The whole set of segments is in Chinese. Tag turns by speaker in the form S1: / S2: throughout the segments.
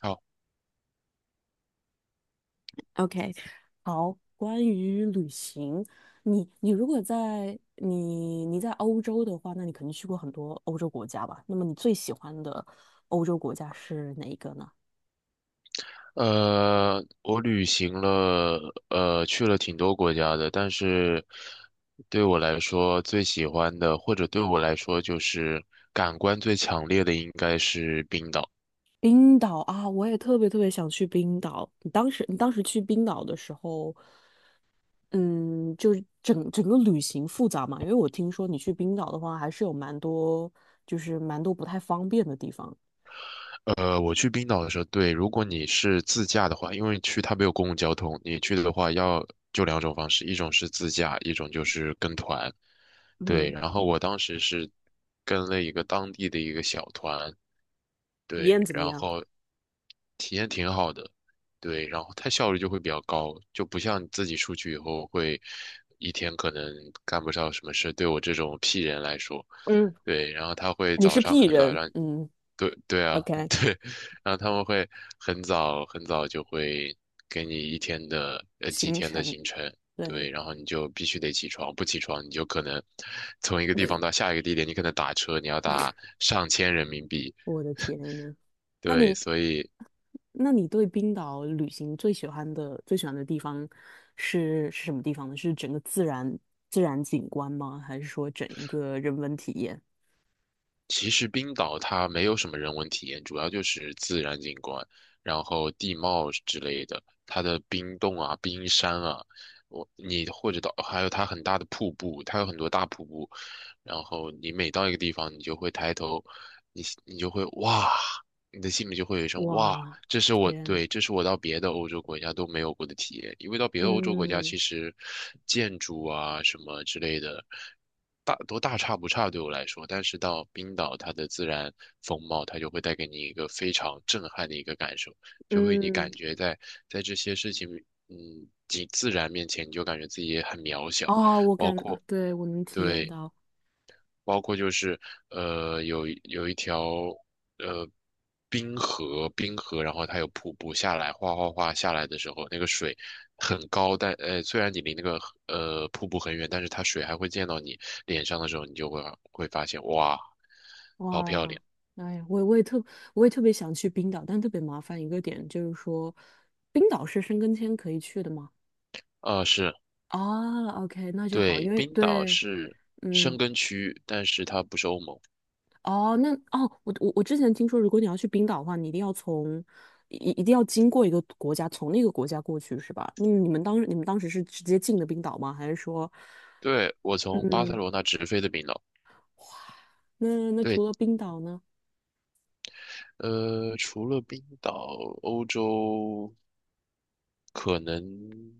S1: 好，
S2: OK，好，关于旅行，你如果在你在欧洲的话，那你肯定去过很多欧洲国家吧？那么你最喜欢的欧洲国家是哪一个呢？
S1: 我旅行了，去了挺多国家的，但是对我来说最喜欢的，或者对我来说就是感官最强烈的，应该是冰岛。
S2: 冰岛啊，我也特别特别想去冰岛。你当时去冰岛的时候，嗯，就是整个旅行复杂嘛？因为我听说你去冰岛的话，还是有蛮多不太方便的地方。
S1: 我去冰岛的时候，对，如果你是自驾的话，因为去它没有公共交通，你去的话要就两种方式，一种是自驾，一种就是跟团。对，
S2: 嗯，
S1: 然后我当时是跟了一个当地的一个小团，
S2: 体
S1: 对，
S2: 验怎么
S1: 然
S2: 样？
S1: 后体验挺好的，对，然后它效率就会比较高，就不像你自己出去以后会一天可能干不上什么事，对我这种 P 人来说，
S2: 嗯，
S1: 对，然后他会
S2: 你
S1: 早
S2: 是
S1: 上
S2: P
S1: 很早
S2: 人，
S1: 让，
S2: 嗯
S1: 对对啊，
S2: ，OK。
S1: 对，然后他们会很早很早就会给你一天的几
S2: 行
S1: 天的
S2: 程。
S1: 行程。对，
S2: 对，
S1: 然后你就必须得起床，不起床你就可能从一个地方到下一个地点，你可能打车你要打上千人民币，
S2: 我的天呐，那
S1: 对，
S2: 你，
S1: 所以
S2: 那你对冰岛旅行最喜欢的地方是什么地方呢？是整个自然景观吗？还是说整一个人文体验？
S1: 其实冰岛它没有什么人文体验，主要就是自然景观，然后地貌之类的，它的冰洞啊、冰山啊，我你或者到还有它很大的瀑布，它有很多大瀑布，然后你每到一个地方，你就会抬头，你就会哇，你的心里就会有一声哇，
S2: 哇，天，
S1: 这是我到别的欧洲国家都没有过的体验，因为到别的欧洲国家，
S2: 嗯
S1: 其实建筑啊什么之类的，大都大差不差对我来说，但是到冰岛，它的自然风貌，它就会带给你一个非常震撼的一个感受，就会你感
S2: 嗯，
S1: 觉在在这些事情，嗯，及自然面前，你就感觉自己也很渺小，
S2: 哦，对，我能体验
S1: 对。
S2: 到，
S1: 包括就是有一条呃冰河，冰河，然后它有瀑布下来，哗哗哗下来的时候，那个水很高，但虽然你离那个瀑布很远，但是它水还会溅到你脸上的时候，你就会会发现哇，好漂
S2: 哇，
S1: 亮
S2: 哎呀我也特别想去冰岛，但特别麻烦一个点就是说，冰岛是申根签可以去的吗？
S1: 啊，是。
S2: 哦，OK，那就好，
S1: 对，
S2: 因为
S1: 冰岛
S2: 对，
S1: 是申
S2: 嗯，
S1: 根区，但是它不是欧盟。
S2: 哦，我之前听说，如果你要去冰岛的话，你一定要从一定要经过一个国家，从那个国家过去，是吧？那你们当时是直接进的冰岛吗？还是说，
S1: 对，我从巴塞
S2: 嗯，
S1: 罗那直飞的冰岛。
S2: 那那
S1: 对，
S2: 除了冰岛呢？
S1: 除了冰岛，欧洲可能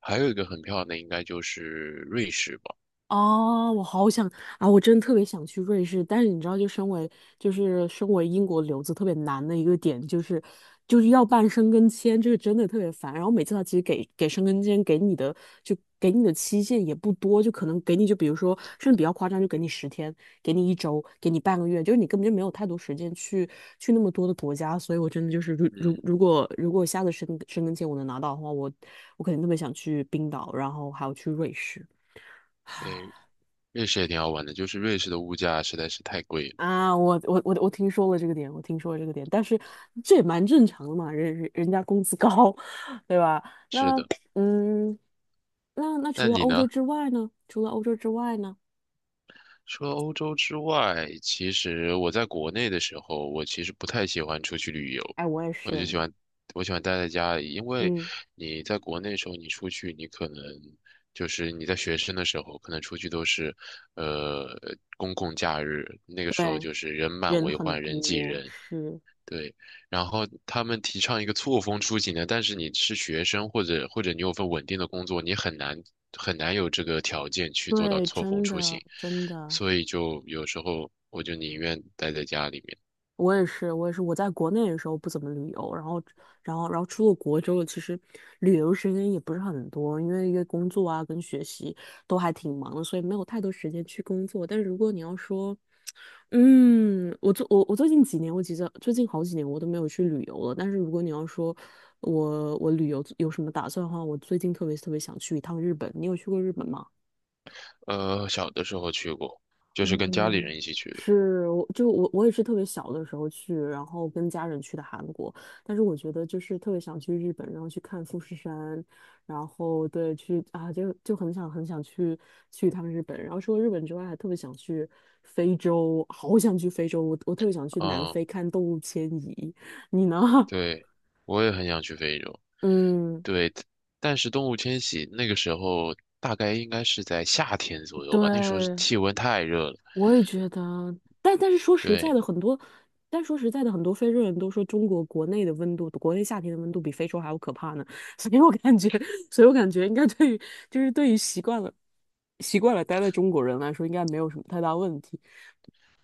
S1: 还有一个很漂亮的，应该就是瑞士吧。
S2: 哦，我好想啊！我真的特别想去瑞士，但是你知道，就是身为英国留子特别难的一个点，就是要办申根签，就是真的特别烦。然后每次他其实给申根签给你的就给你的期限也不多，就可能给你就比如说甚至比较夸张，就给你十天，给你一周，给你半个月，就是你根本就没有太多时间去去那么多的国家。所以我真的就是如如
S1: 嗯，
S2: 如果如果下次申根签我能拿到的话，我我肯定特别想去冰岛，然后还要去瑞士。
S1: 对，瑞士也挺好玩的，就是瑞士的物价实在是太贵了。
S2: 啊，我听说了这个点，我听说了这个点，但是这也蛮正常的嘛，人家工资高，对吧？
S1: 是
S2: 那
S1: 的，
S2: 嗯，那那
S1: 那
S2: 除了
S1: 你
S2: 欧洲
S1: 呢？
S2: 之外呢？除了欧洲之外呢？
S1: 除了欧洲之外，其实我在国内的时候，我其实不太喜欢出去旅游，
S2: 哎，我也
S1: 我就
S2: 是，
S1: 喜欢我喜欢待在家里，因为
S2: 嗯，
S1: 你在国内的时候，你出去，你可能就是你在学生的时候，可能出去都是呃公共假日，那个时候
S2: 对，
S1: 就是人满
S2: 人
S1: 为
S2: 很
S1: 患，人挤
S2: 多，
S1: 人，
S2: 是，
S1: 对，然后他们提倡一个错峰出行的，但是你是学生或者你有份稳定的工作，你很难很难有这个条件去做到
S2: 对，
S1: 错峰
S2: 真
S1: 出
S2: 的
S1: 行，
S2: 真的。
S1: 所以就有时候我就宁愿待在家里面。
S2: 我也是，我也是。我在国内的时候不怎么旅游，然后，然后，然后出了国之后，其实旅游时间也不是很多，因为工作啊跟学习都还挺忙的，所以没有太多时间去工作。但是如果你要说，嗯，我最近几年，我其实最近好几年我都没有去旅游了。但是如果你要说我旅游有什么打算的话，我最近特别特别想去一趟日本。你有去过日本吗？
S1: 小的时候去过，就是跟家里
S2: 嗯，
S1: 人一起去的。
S2: 是，我就我我也是特别小的时候去，然后跟家人去的韩国，但是我觉得就是特别想去日本，然后去看富士山，然后对去啊，就就很想去去一趟日本，然后除了日本之外，还特别想去非洲，好想去非洲，我特别想去南非
S1: 嗯，
S2: 看动物迁移，你呢？
S1: 对，我也很想去非洲。
S2: 嗯，
S1: 对，但是动物迁徙那个时候大概应该是在夏天左右吧，那时候是
S2: 对，
S1: 气温太热了。
S2: 我也觉得，但但是说实在
S1: 对，
S2: 的，很多，但说实在的，很多非洲人都说中国国内的温度，国内夏天的温度比非洲还要可怕呢。所以我感觉，所以我感觉应该对于，就是对于习惯了，习惯了待在中国人来说，应该没有什么太大问题。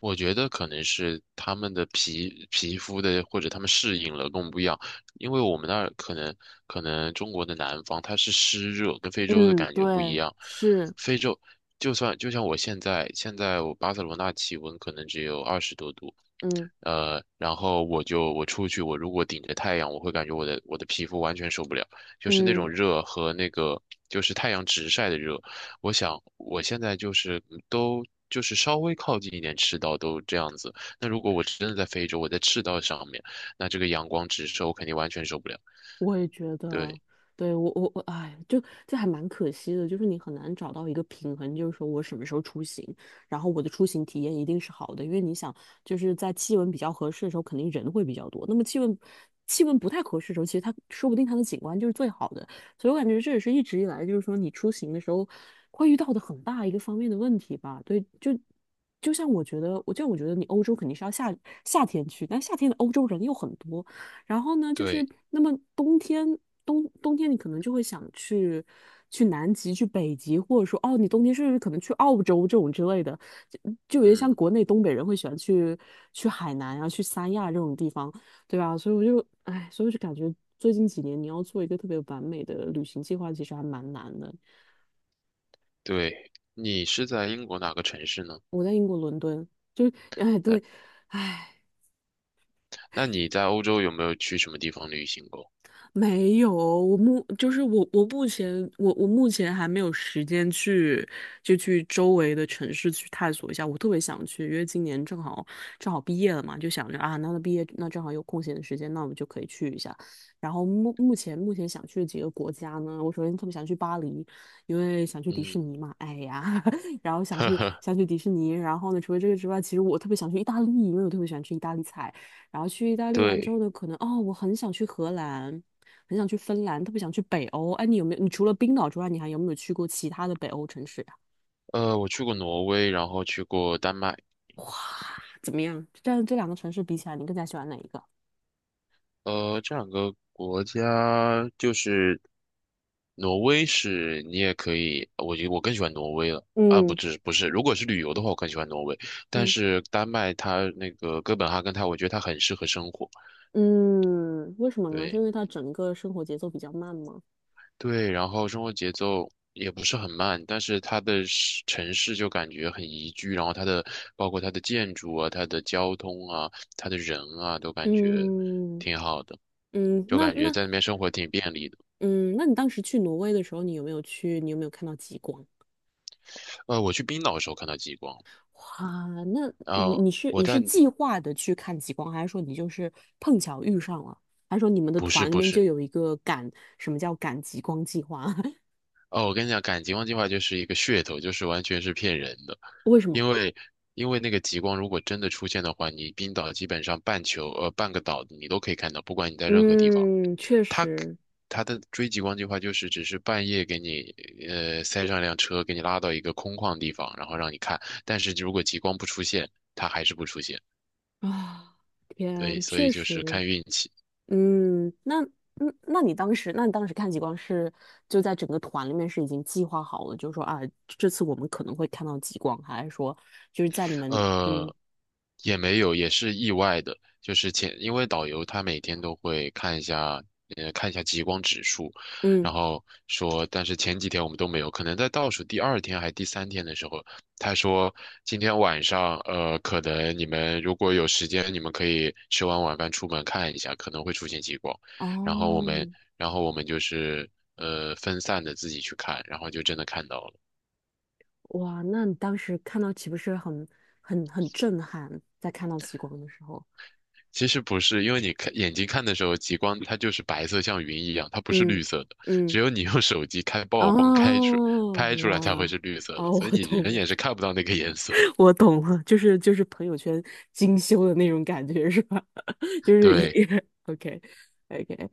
S1: 我觉得可能是他们的皮肤的，或者他们适应了跟我们不一样，因为我们那儿可能中国的南方它是湿热，跟非洲的
S2: 嗯，
S1: 感觉不一
S2: 对，
S1: 样。
S2: 是，
S1: 非洲就像我现在我巴塞罗那气温可能只有二十多度，
S2: 嗯
S1: 然后我出去，我如果顶着太阳，我会感觉我的皮肤完全受不了，就是那
S2: 嗯。
S1: 种热和那个就是太阳直晒的热。我想我现在就是都就是稍微靠近一点赤道都这样子，那如果我真的在非洲，我在赤道上面，那这个阳光直射我肯定完全受不了。
S2: 我也觉得，
S1: 对
S2: 对，我我我，哎，就这还蛮可惜的，就是你很难找到一个平衡，就是说我什么时候出行，然后我的出行体验一定是好的，因为你想，就是在气温比较合适的时候，肯定人会比较多，那么气温不太合适的时候，其实它说不定它的景观就是最好的，所以我感觉这也是一直以来就是说你出行的时候会遇到的很大一个方面的问题吧，就像我觉得，我就像我觉得你欧洲肯定是要夏天去，但夏天的欧洲人又很多，然后呢，就是
S1: 对，
S2: 那么冬天，冬天你可能就会想去去南极、去北极，或者说哦，你冬天甚至可能去澳洲这种之类的，就就有点像
S1: 嗯
S2: 国内东北人会喜欢去去海南啊、去三亚这种地方，对吧？所以我就哎，所以我就感觉最近几年你要做一个特别完美的旅行计划，其实还蛮难的。
S1: 对，你是在英国哪个城市呢？
S2: 我在英国伦敦，就哎对，
S1: 那
S2: 哎。
S1: 那你在欧洲有没有去什么地方旅行过？
S2: 没有哦，我目前还没有时间去就去周围的城市去探索一下，我特别想去，因为今年正好正好毕业了嘛，就想着啊，那那毕业那正好有空闲的时间，那我们就可以去一下。然后目前想去的几个国家呢，我首先特别想去巴黎，因为想去迪士
S1: 嗯，
S2: 尼嘛，哎呀，然后 想
S1: 呵
S2: 去
S1: 呵，
S2: 想去迪士尼，然后呢，除了这个之外，其实我特别想去意大利，因为我特别喜欢吃意大利菜。然后去意大利完之后
S1: 对。
S2: 呢，可能哦，我很想去荷兰。很想去芬兰，特别想去北欧。哎，你有没有？你除了冰岛之外，你还有没有去过其他的北欧城市呀？
S1: 我去过挪威，然后去过丹麦。
S2: 哇，怎么样？这两个城市比起来，你更加喜欢哪一个？
S1: 这两个国家就是挪威是你也可以，我觉我更喜欢挪威了。啊，
S2: 嗯
S1: 不是，如果是旅游的话，我更喜欢挪威。但
S2: 嗯
S1: 是丹麦它那个哥本哈根它，我觉得它很适合生活。
S2: 嗯，为什么呢？是因
S1: 对。
S2: 为它整个生活节奏比较慢吗？
S1: 对，然后生活节奏也不是很慢，但是它的城市就感觉很宜居，然后它的包括它的建筑啊、它的交通啊、它的人啊，都感觉
S2: 嗯
S1: 挺好的，
S2: 嗯，
S1: 就
S2: 那
S1: 感觉
S2: 那
S1: 在那边生活挺便利的。
S2: 嗯，那你当时去挪威的时候，你有没有去？你有没有看到极光？
S1: 我去冰岛的时候看到极光，
S2: 哇，那你
S1: 呃，
S2: 你是
S1: 我
S2: 你是
S1: 在
S2: 计划的去看极光，还是说你就是碰巧遇上了？还是说你们的
S1: 不是
S2: 团里
S1: 不
S2: 面就
S1: 是，
S2: 有一个赶，什么叫赶极光计划？
S1: 哦，我跟你讲，赶极光计划就是一个噱头，就是完全是骗人的，
S2: 为什么？
S1: 因为因为那个极光如果真的出现的话，你冰岛基本上半个岛你都可以看到，不管你在任何地方。
S2: 嗯，确
S1: 他
S2: 实
S1: 他的追极光计划就是只是半夜给你塞上一辆车，给你拉到一个空旷地方，然后让你看。但是如果极光不出现，它还是不出现。
S2: 啊，
S1: 对，
S2: 天，
S1: 所以
S2: 确
S1: 就是
S2: 实，
S1: 看运气。
S2: 嗯，那嗯，那你当时看极光是就在整个团里面是已经计划好了，就是说啊，这次我们可能会看到极光，还是说就是在你们嗯
S1: 呃，也没有，也是意外的。就是前，因为导游他每天都会看一下，看一下极光指数，
S2: 嗯
S1: 然后说，但是前几天我们都没有，可能在倒数第二天还第三天的时候，他说今天晚上，可能你们如果有时间，你们可以吃完晚饭出门看一下，可能会出现极光。然后我们，
S2: 哦
S1: 然后我们就是，分散的自己去看，然后就真的看到了。
S2: 哇，那你当时看到岂不是很很震撼？在看到极光的时候，
S1: 其实不是，因为你看眼睛看的时候，极光它就是白色，像云一样，它不是绿
S2: 嗯
S1: 色的。
S2: 嗯，
S1: 只有你用手机开曝光
S2: 哦，
S1: 拍出来，才会
S2: 哇，
S1: 是绿色的，
S2: 哦，
S1: 所以
S2: 我
S1: 你
S2: 懂
S1: 人
S2: 了，
S1: 眼是看不到那个颜色。
S2: 我懂了，就是朋友圈精修的那种感觉是吧？就是一
S1: 对，
S2: OK OK，